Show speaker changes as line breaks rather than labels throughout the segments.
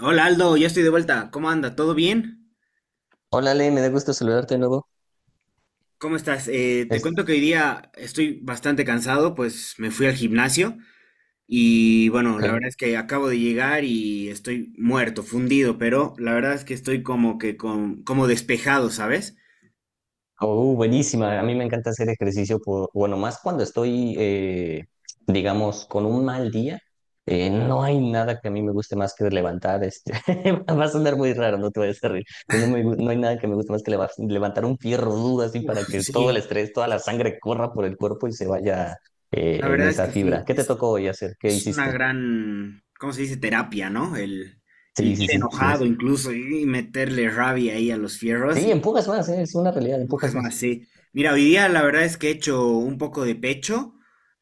Hola Aldo, ya estoy de vuelta. ¿Cómo anda? ¿Todo bien?
Hola, Le, me da gusto saludarte de nuevo.
¿Cómo estás? Te cuento
Es,
que hoy día estoy bastante cansado, pues me fui al gimnasio y bueno, la verdad
okay.
es que acabo de llegar y estoy muerto, fundido, pero la verdad es que estoy como que con, como despejado, ¿sabes?
Oh, buenísima. A mí me encanta hacer ejercicio, bueno, más cuando estoy, digamos, con un mal día. No hay nada que a mí me guste más que levantar. Va a sonar muy raro, no te vayas a reír. Pero no, no hay nada que me guste más que levantar un fierro duro así
Uf,
para que
sí,
todo el estrés, toda la sangre corra por el cuerpo y se vaya
la
en
verdad es
esa
que
fibra.
sí,
¿Qué te tocó hoy hacer? ¿Qué
es una
hiciste?
gran, ¿cómo se dice? Terapia, ¿no? El
Sí, sí,
ir
sí, sí
enojado
es.
incluso y meterle rabia ahí a los fierros.
Sí, empujas más, es una realidad,
Empujas
empujas
más,
más.
sí. Mira, hoy día la verdad es que he hecho un poco de pecho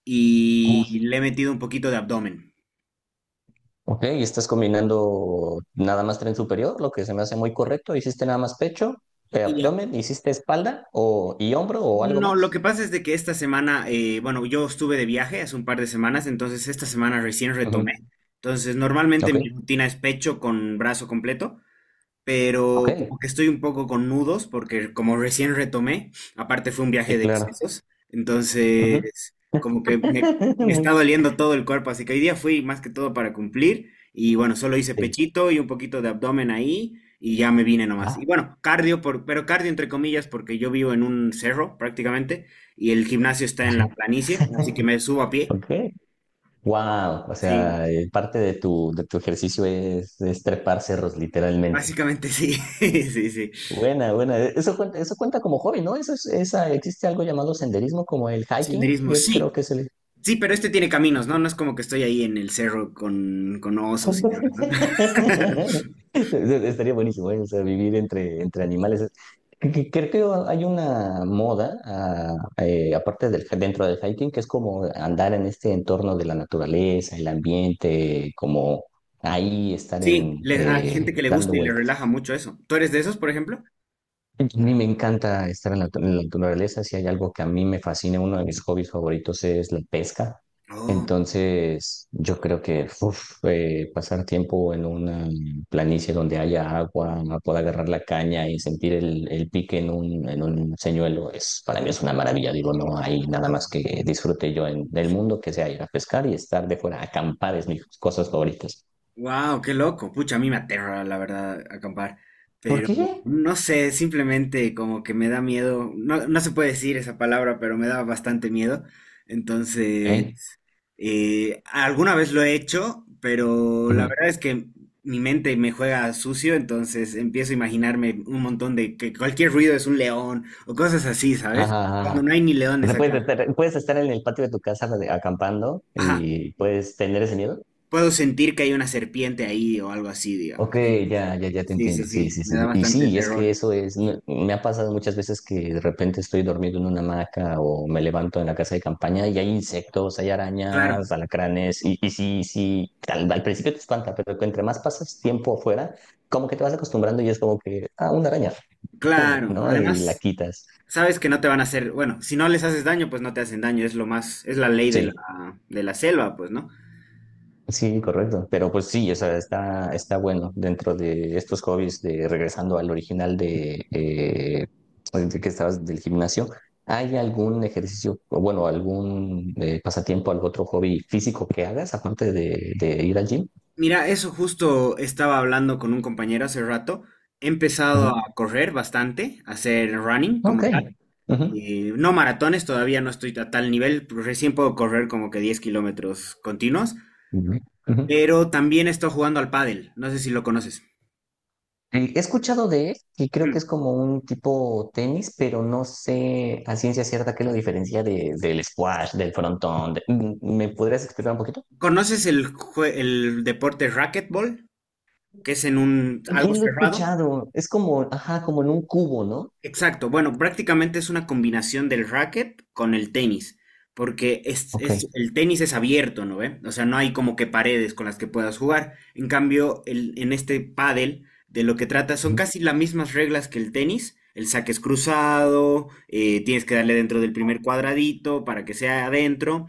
y le he metido un poquito de abdomen.
Ok, y estás combinando nada más tren superior, lo que se me hace muy correcto. ¿Hiciste nada más pecho,
Y ya.
abdomen, hiciste espalda o, y hombro o algo
No, lo que
más?
pasa es de que esta semana, bueno, yo estuve de viaje hace un par de semanas, entonces esta semana recién retomé.
Ujú.
Entonces, normalmente
Ok,
mi rutina es pecho con brazo completo,
ok,
pero como que estoy un poco con nudos porque como recién retomé, aparte fue un
sí,
viaje de
claro.
excesos,
Ujú.
entonces como que me, me está
Muy-
doliendo todo el cuerpo, así que hoy día fui más que todo para cumplir y bueno, solo hice
sí.
pechito y un poquito de abdomen ahí y ya me vine nomás.
Ah,
Y bueno, cardio, por, pero cardio entre comillas porque yo vivo en un cerro prácticamente y el gimnasio está en la planicie, así que me subo a pie,
ok. Wow, o
sí,
sea, parte de tu ejercicio es trepar cerros, literalmente.
básicamente sí, sí, sí.
Buena, buena. Eso cuenta como hobby, ¿no? Existe algo llamado senderismo como el hiking,
Senderismo,
yo creo que
sí.
es el.
Sí, pero este tiene caminos, ¿no? No es como que estoy ahí en el cerro con osos y demás, ¿no?
Estaría buenísimo, ¿eh? O sea, vivir entre animales. Creo que hay una moda, aparte del, dentro del hiking, que es como andar en este entorno de la naturaleza, el ambiente, como ahí estar
Sí, hay gente que le gusta
dando
y le
vueltas.
relaja mucho eso. ¿Tú eres de esos, por ejemplo?
A mí me encanta estar en la naturaleza. Si hay algo que a mí me fascina, uno de mis hobbies favoritos es la pesca.
Oh,
Entonces, yo creo que uf, pasar tiempo en una planicie donde haya agua, poder agarrar la caña y sentir el pique en un señuelo, para mí es una maravilla. Digo, no hay nada más que disfrute yo en el mundo que sea ir a pescar y estar de fuera. Acampar es mis cosas favoritas.
wow, qué loco. Pucha, a mí me aterra, la verdad, acampar.
¿Por
Pero
qué?
no sé, simplemente como que me da miedo. No, no se puede decir esa palabra, pero me da bastante miedo. Entonces,
¿Eh?
Alguna vez lo he hecho, pero la
Ujú.
verdad es que mi mente me juega sucio, entonces empiezo a imaginarme un montón de que cualquier ruido es un león o cosas así, ¿sabes?
Ajá,
Cuando
ajá.
no hay ni
O
leones
sea, puedes
acá.
estar, puedes estar en el patio de tu casa acampando
Ajá,
y puedes tener ese miedo.
puedo sentir que hay una serpiente ahí o algo así,
Ok,
digamos. Sí,
ya, ya, ya te
sí, sí,
entiendo. Sí,
sí,
sí,
me
sí,
da
sí. Y
bastante
sí, es que
terror.
eso es, no- me ha pasado muchas veces que de repente estoy dormido en una hamaca o me levanto en la casa de campaña y hay insectos, hay
Claro,
arañas, alacranes. Y sí, sí, al principio te espanta, pero que entre más pasas tiempo afuera, como que te vas acostumbrando y es como que, ah, una araña, pum,
claro.
¿no? Y la
Además,
quitas.
sabes que no te van a hacer, bueno, si no les haces daño, pues no te hacen daño, es lo más, es la ley
Sí.
de la selva, pues, ¿no?
Sí, correcto. Pero pues sí, o sea, está bueno dentro de estos hobbies de regresando al original de que estabas del gimnasio. ¿Hay algún ejercicio, o bueno, algún pasatiempo, algún otro hobby físico que hagas aparte de ir al gym?
Mira, eso justo estaba hablando con un compañero hace rato. He empezado
Ujú.
a correr bastante, a hacer running como
Ok.
tal.
Ujú.
No maratones, todavía no estoy a tal nivel. Pero recién puedo correr como que 10 km continuos.
Ujú. Ujú.
Pero también estoy jugando al pádel. No sé si lo conoces.
He escuchado de él y creo que
Ujú.
es como un tipo tenis, pero no sé a ciencia cierta qué lo diferencia del squash, del frontón. ¿Me podrías explicar un poquito?
¿Conoces el, el deporte racquetball? Que es en un algo
Bien lo he
cerrado.
escuchado. Es como, ajá, como en un cubo, ¿no?
Exacto, bueno, prácticamente es una combinación del racket con el tenis, porque es,
Ok.
el tenis es abierto, ¿no ve? O sea, no hay como que paredes con las que puedas jugar. En cambio, en este pádel, de lo que trata son
Ujú.
casi las mismas reglas que el tenis. El saque es cruzado, tienes que darle dentro del primer cuadradito para que sea adentro,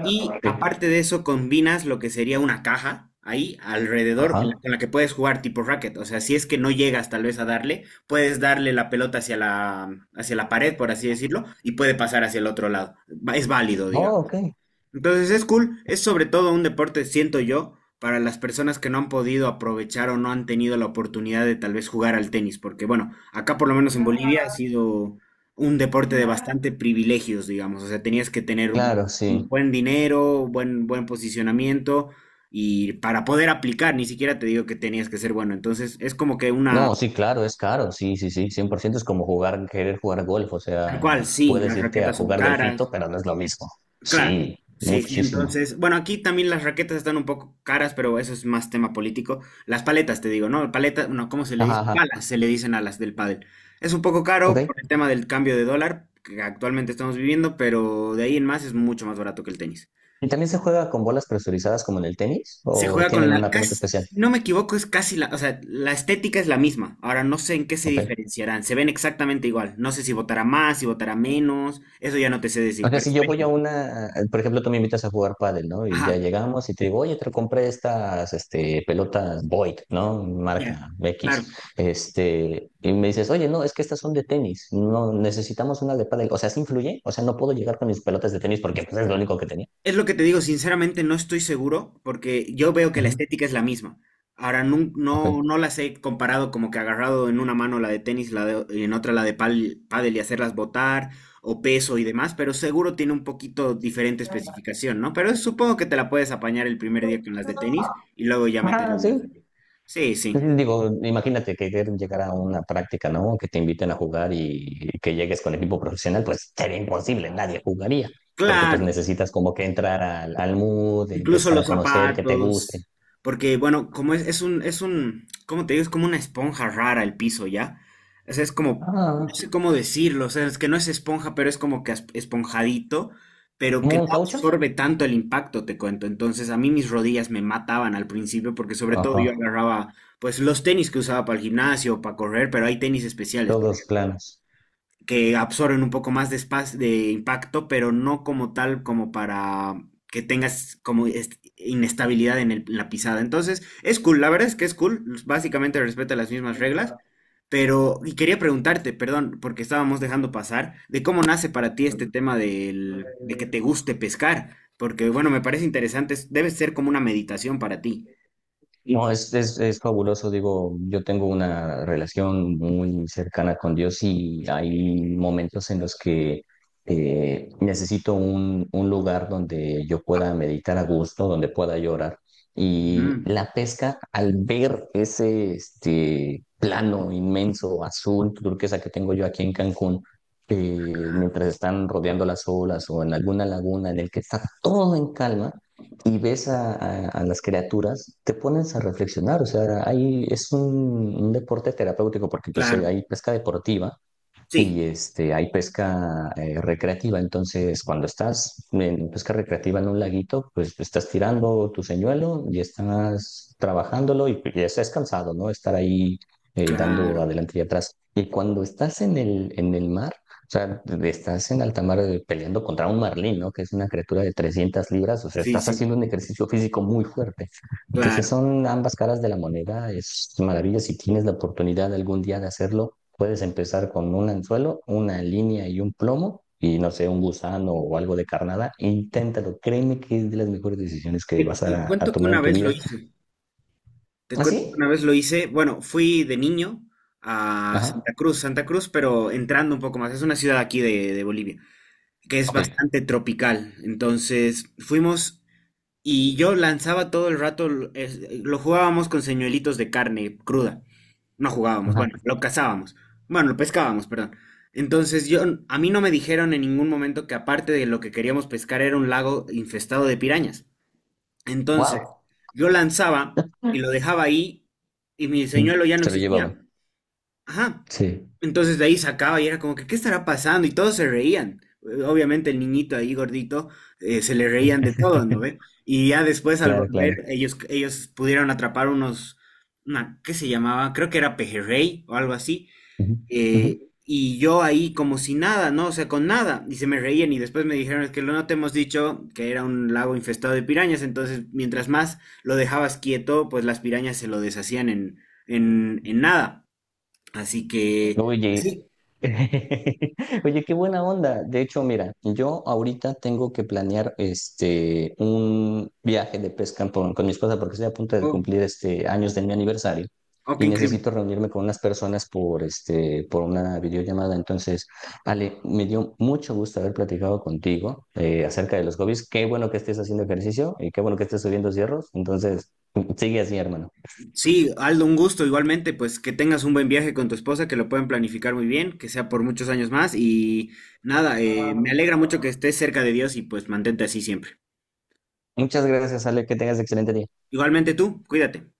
y
Ok.
aparte de eso, combinas lo que sería una caja ahí alrededor en
Ajá.
con la que puedes jugar tipo racket. O sea, si es que no llegas tal vez a darle, puedes darle la pelota hacia la pared, por así decirlo, y puede pasar hacia el otro lado. Es válido, digamos.
Oh, ok.
Entonces es cool, es sobre todo un deporte, siento yo, para las personas que no han podido aprovechar o no han tenido la oportunidad de tal vez jugar al tenis, porque bueno, acá por lo menos en Bolivia ha sido un deporte de bastante privilegios, digamos, o sea, tenías que tener un
Claro, sí.
buen dinero, buen, buen posicionamiento y para poder aplicar, ni siquiera te digo que tenías que ser bueno, entonces es como que una,
No, sí, claro, es caro. Sí, sí, sí. 100% es como querer jugar golf. O
tal
sea,
cual, sí,
puedes
las
irte a
raquetas son
jugar
caras.
golfito, pero no es lo mismo.
Claro,
Sí,
sí, sí,
muchísimo.
entonces, bueno, aquí también las raquetas están un poco caras, pero eso es más tema político. Las paletas, te digo, ¿no? Paletas, no, ¿cómo se le
Ajá,
dice?
ajá.
Palas, se le dicen a las del pádel. Es un poco caro
Ok.
por el tema del cambio de dólar que actualmente estamos viviendo, pero de ahí en más es mucho más barato que el tenis.
¿Y también se juega con bolas presurizadas como en el tenis?
Se
¿O
juega con
tienen
la,
una pelota
casi, si
especial?
no me equivoco, es casi la, o sea, la estética es la misma. Ahora no sé en qué se
Ok.
diferenciarán, se ven exactamente igual. No sé si votará más, si votará menos, eso ya no te sé
O
decir,
sea,
pero
si
se
yo
ven
voy a
igual.
por ejemplo, tú me invitas a jugar pádel, ¿no? Y
Ajá,
ya llegamos y te digo, oye, te compré estas, pelotas Void, ¿no?
ya,
Marca X.
claro.
Y me dices, oye, no, es que estas son de tenis, no, necesitamos una de pádel. O sea, ¿sí influye? O sea, no puedo llegar con mis pelotas de tenis porque pues, es lo único que tenía.
Es lo que te digo, sinceramente no estoy seguro porque yo veo que la
Ujú,
estética es la misma. Ahora
ok.
no, no, las he comparado como que agarrado en una mano la de tenis y en otra la de pádel y hacerlas botar o peso y demás, pero seguro tiene un poquito diferente especificación, ¿no? Pero supongo que te la puedes apañar el primer día con las de tenis y luego ya meterle
Ah,
las
sí,
de... Sí, sí,
sí. Digo, imagínate que llegar a una práctica, ¿no? Que te inviten a jugar y que llegues con equipo profesional, pues sería imposible, nadie jugaría, porque pues
claro.
necesitas como que entrar al mood,
Incluso
empezar a
los
conocer, que te guste.
zapatos, porque bueno, como es un, ¿cómo te digo? Es como una esponja rara el piso, ¿ya? O sea, es como, no
Ah,
sé cómo decirlo, o sea, es que no es esponja, pero es como que esponjadito, pero que no
¿un caucho?
absorbe tanto el impacto, te cuento. Entonces, a mí mis rodillas me mataban al principio, porque sobre todo yo
Ajá,
agarraba, pues, los tenis que usaba para el gimnasio, para correr, pero hay tenis especiales
todos planos.
que absorben un poco más de, espacio, de impacto, pero no como tal, como para que tengas como inestabilidad en, en la pisada. Entonces, es cool, la verdad es que es cool, básicamente respeta las mismas reglas, pero, y quería preguntarte, perdón, porque estábamos dejando pasar, de cómo nace para ti este tema del, de que te guste pescar, porque bueno, me parece interesante, debe ser como una meditación para ti.
No, es fabuloso, digo, yo tengo una relación muy cercana con Dios y hay momentos en los que necesito un lugar donde yo
Ah,
pueda meditar a gusto, donde pueda llorar. Y
ujú,
la pesca, al ver ese plano inmenso, azul, turquesa que tengo yo aquí en Cancún, mientras están rodeando las olas o en alguna laguna en el que está todo en calma, y ves a las criaturas, te pones a reflexionar. O sea, ahí es un deporte terapéutico porque pues,
claro,
hay pesca deportiva
sí,
y hay pesca recreativa, entonces cuando estás en pesca recreativa en un laguito, pues estás tirando tu señuelo y estás trabajándolo y estás cansado, ¿no? Estar ahí dando
claro,
adelante y atrás. Y cuando estás en el mar, o sea, estás en alta mar peleando contra un marlín, ¿no? Que es una criatura de 300 libras, o sea,
sí,
estás
sí,
haciendo un ejercicio físico muy fuerte. Entonces
claro.
son ambas caras de la moneda, es maravilla si tienes la oportunidad algún día de hacerlo. Puedes empezar con un anzuelo, una línea y un plomo, y no sé, un gusano o algo de carnada. Inténtalo, créeme que es de las mejores decisiones que
Te,
vas
te
a, a
cuento que
tomar
una
en tu
vez lo
vida.
hice. Te
¿Ah,
cuento que
sí?
una vez lo hice. Bueno, fui de niño a
Ajá.
Santa Cruz, Santa Cruz, pero entrando un poco más. Es una ciudad aquí de Bolivia, que es
Ok.
bastante tropical. Entonces fuimos y yo lanzaba todo el rato, lo jugábamos con señuelitos de carne cruda. No jugábamos,
Ajá.
bueno, lo cazábamos. Bueno, lo pescábamos, perdón. Entonces yo, a mí no me dijeron en ningún momento que aparte de lo que queríamos pescar era un lago infestado de pirañas. Entonces,
Wow.
yo lanzaba y lo dejaba ahí y mi señuelo ya no
Se lo llevaban.
existía. Ajá.
Sí.
Entonces de ahí sacaba y era como que, ¿qué estará pasando? Y todos se reían. Obviamente el niñito ahí gordito, se le reían de todo, ¿no ve? Y ya después al
Claro,
volver,
claro.
ellos pudieron atrapar unos, una, ¿qué se llamaba? Creo que era pejerrey o algo así.
Ujú, ujú.
Y yo ahí como si nada, ¿no? O sea, con nada. Y se me reían y después me dijeron, es que lo no te hemos dicho que era un lago infestado de pirañas, entonces mientras más lo dejabas quieto, pues las pirañas se lo deshacían en nada. Así que,
Oye,
sí,
oye, qué buena onda. De hecho, mira, yo ahorita tengo que planear un viaje de pesca con mi esposa porque estoy a punto de
oh,
cumplir años de mi aniversario
oh,
y
qué increíble.
necesito reunirme con unas personas por una videollamada. Entonces, Ale, me dio mucho gusto haber platicado contigo acerca de los hobbies. Qué bueno que estés haciendo ejercicio y qué bueno que estés subiendo cierros. Entonces, sigue así, hermano.
Sí, Aldo, un gusto igualmente, pues que tengas un buen viaje con tu esposa, que lo puedan planificar muy bien, que sea por muchos años más y nada, me alegra mucho que estés cerca de Dios y pues mantente así siempre.
Muchas gracias, Ale, que tengas excelente día.
Igualmente tú, cuídate.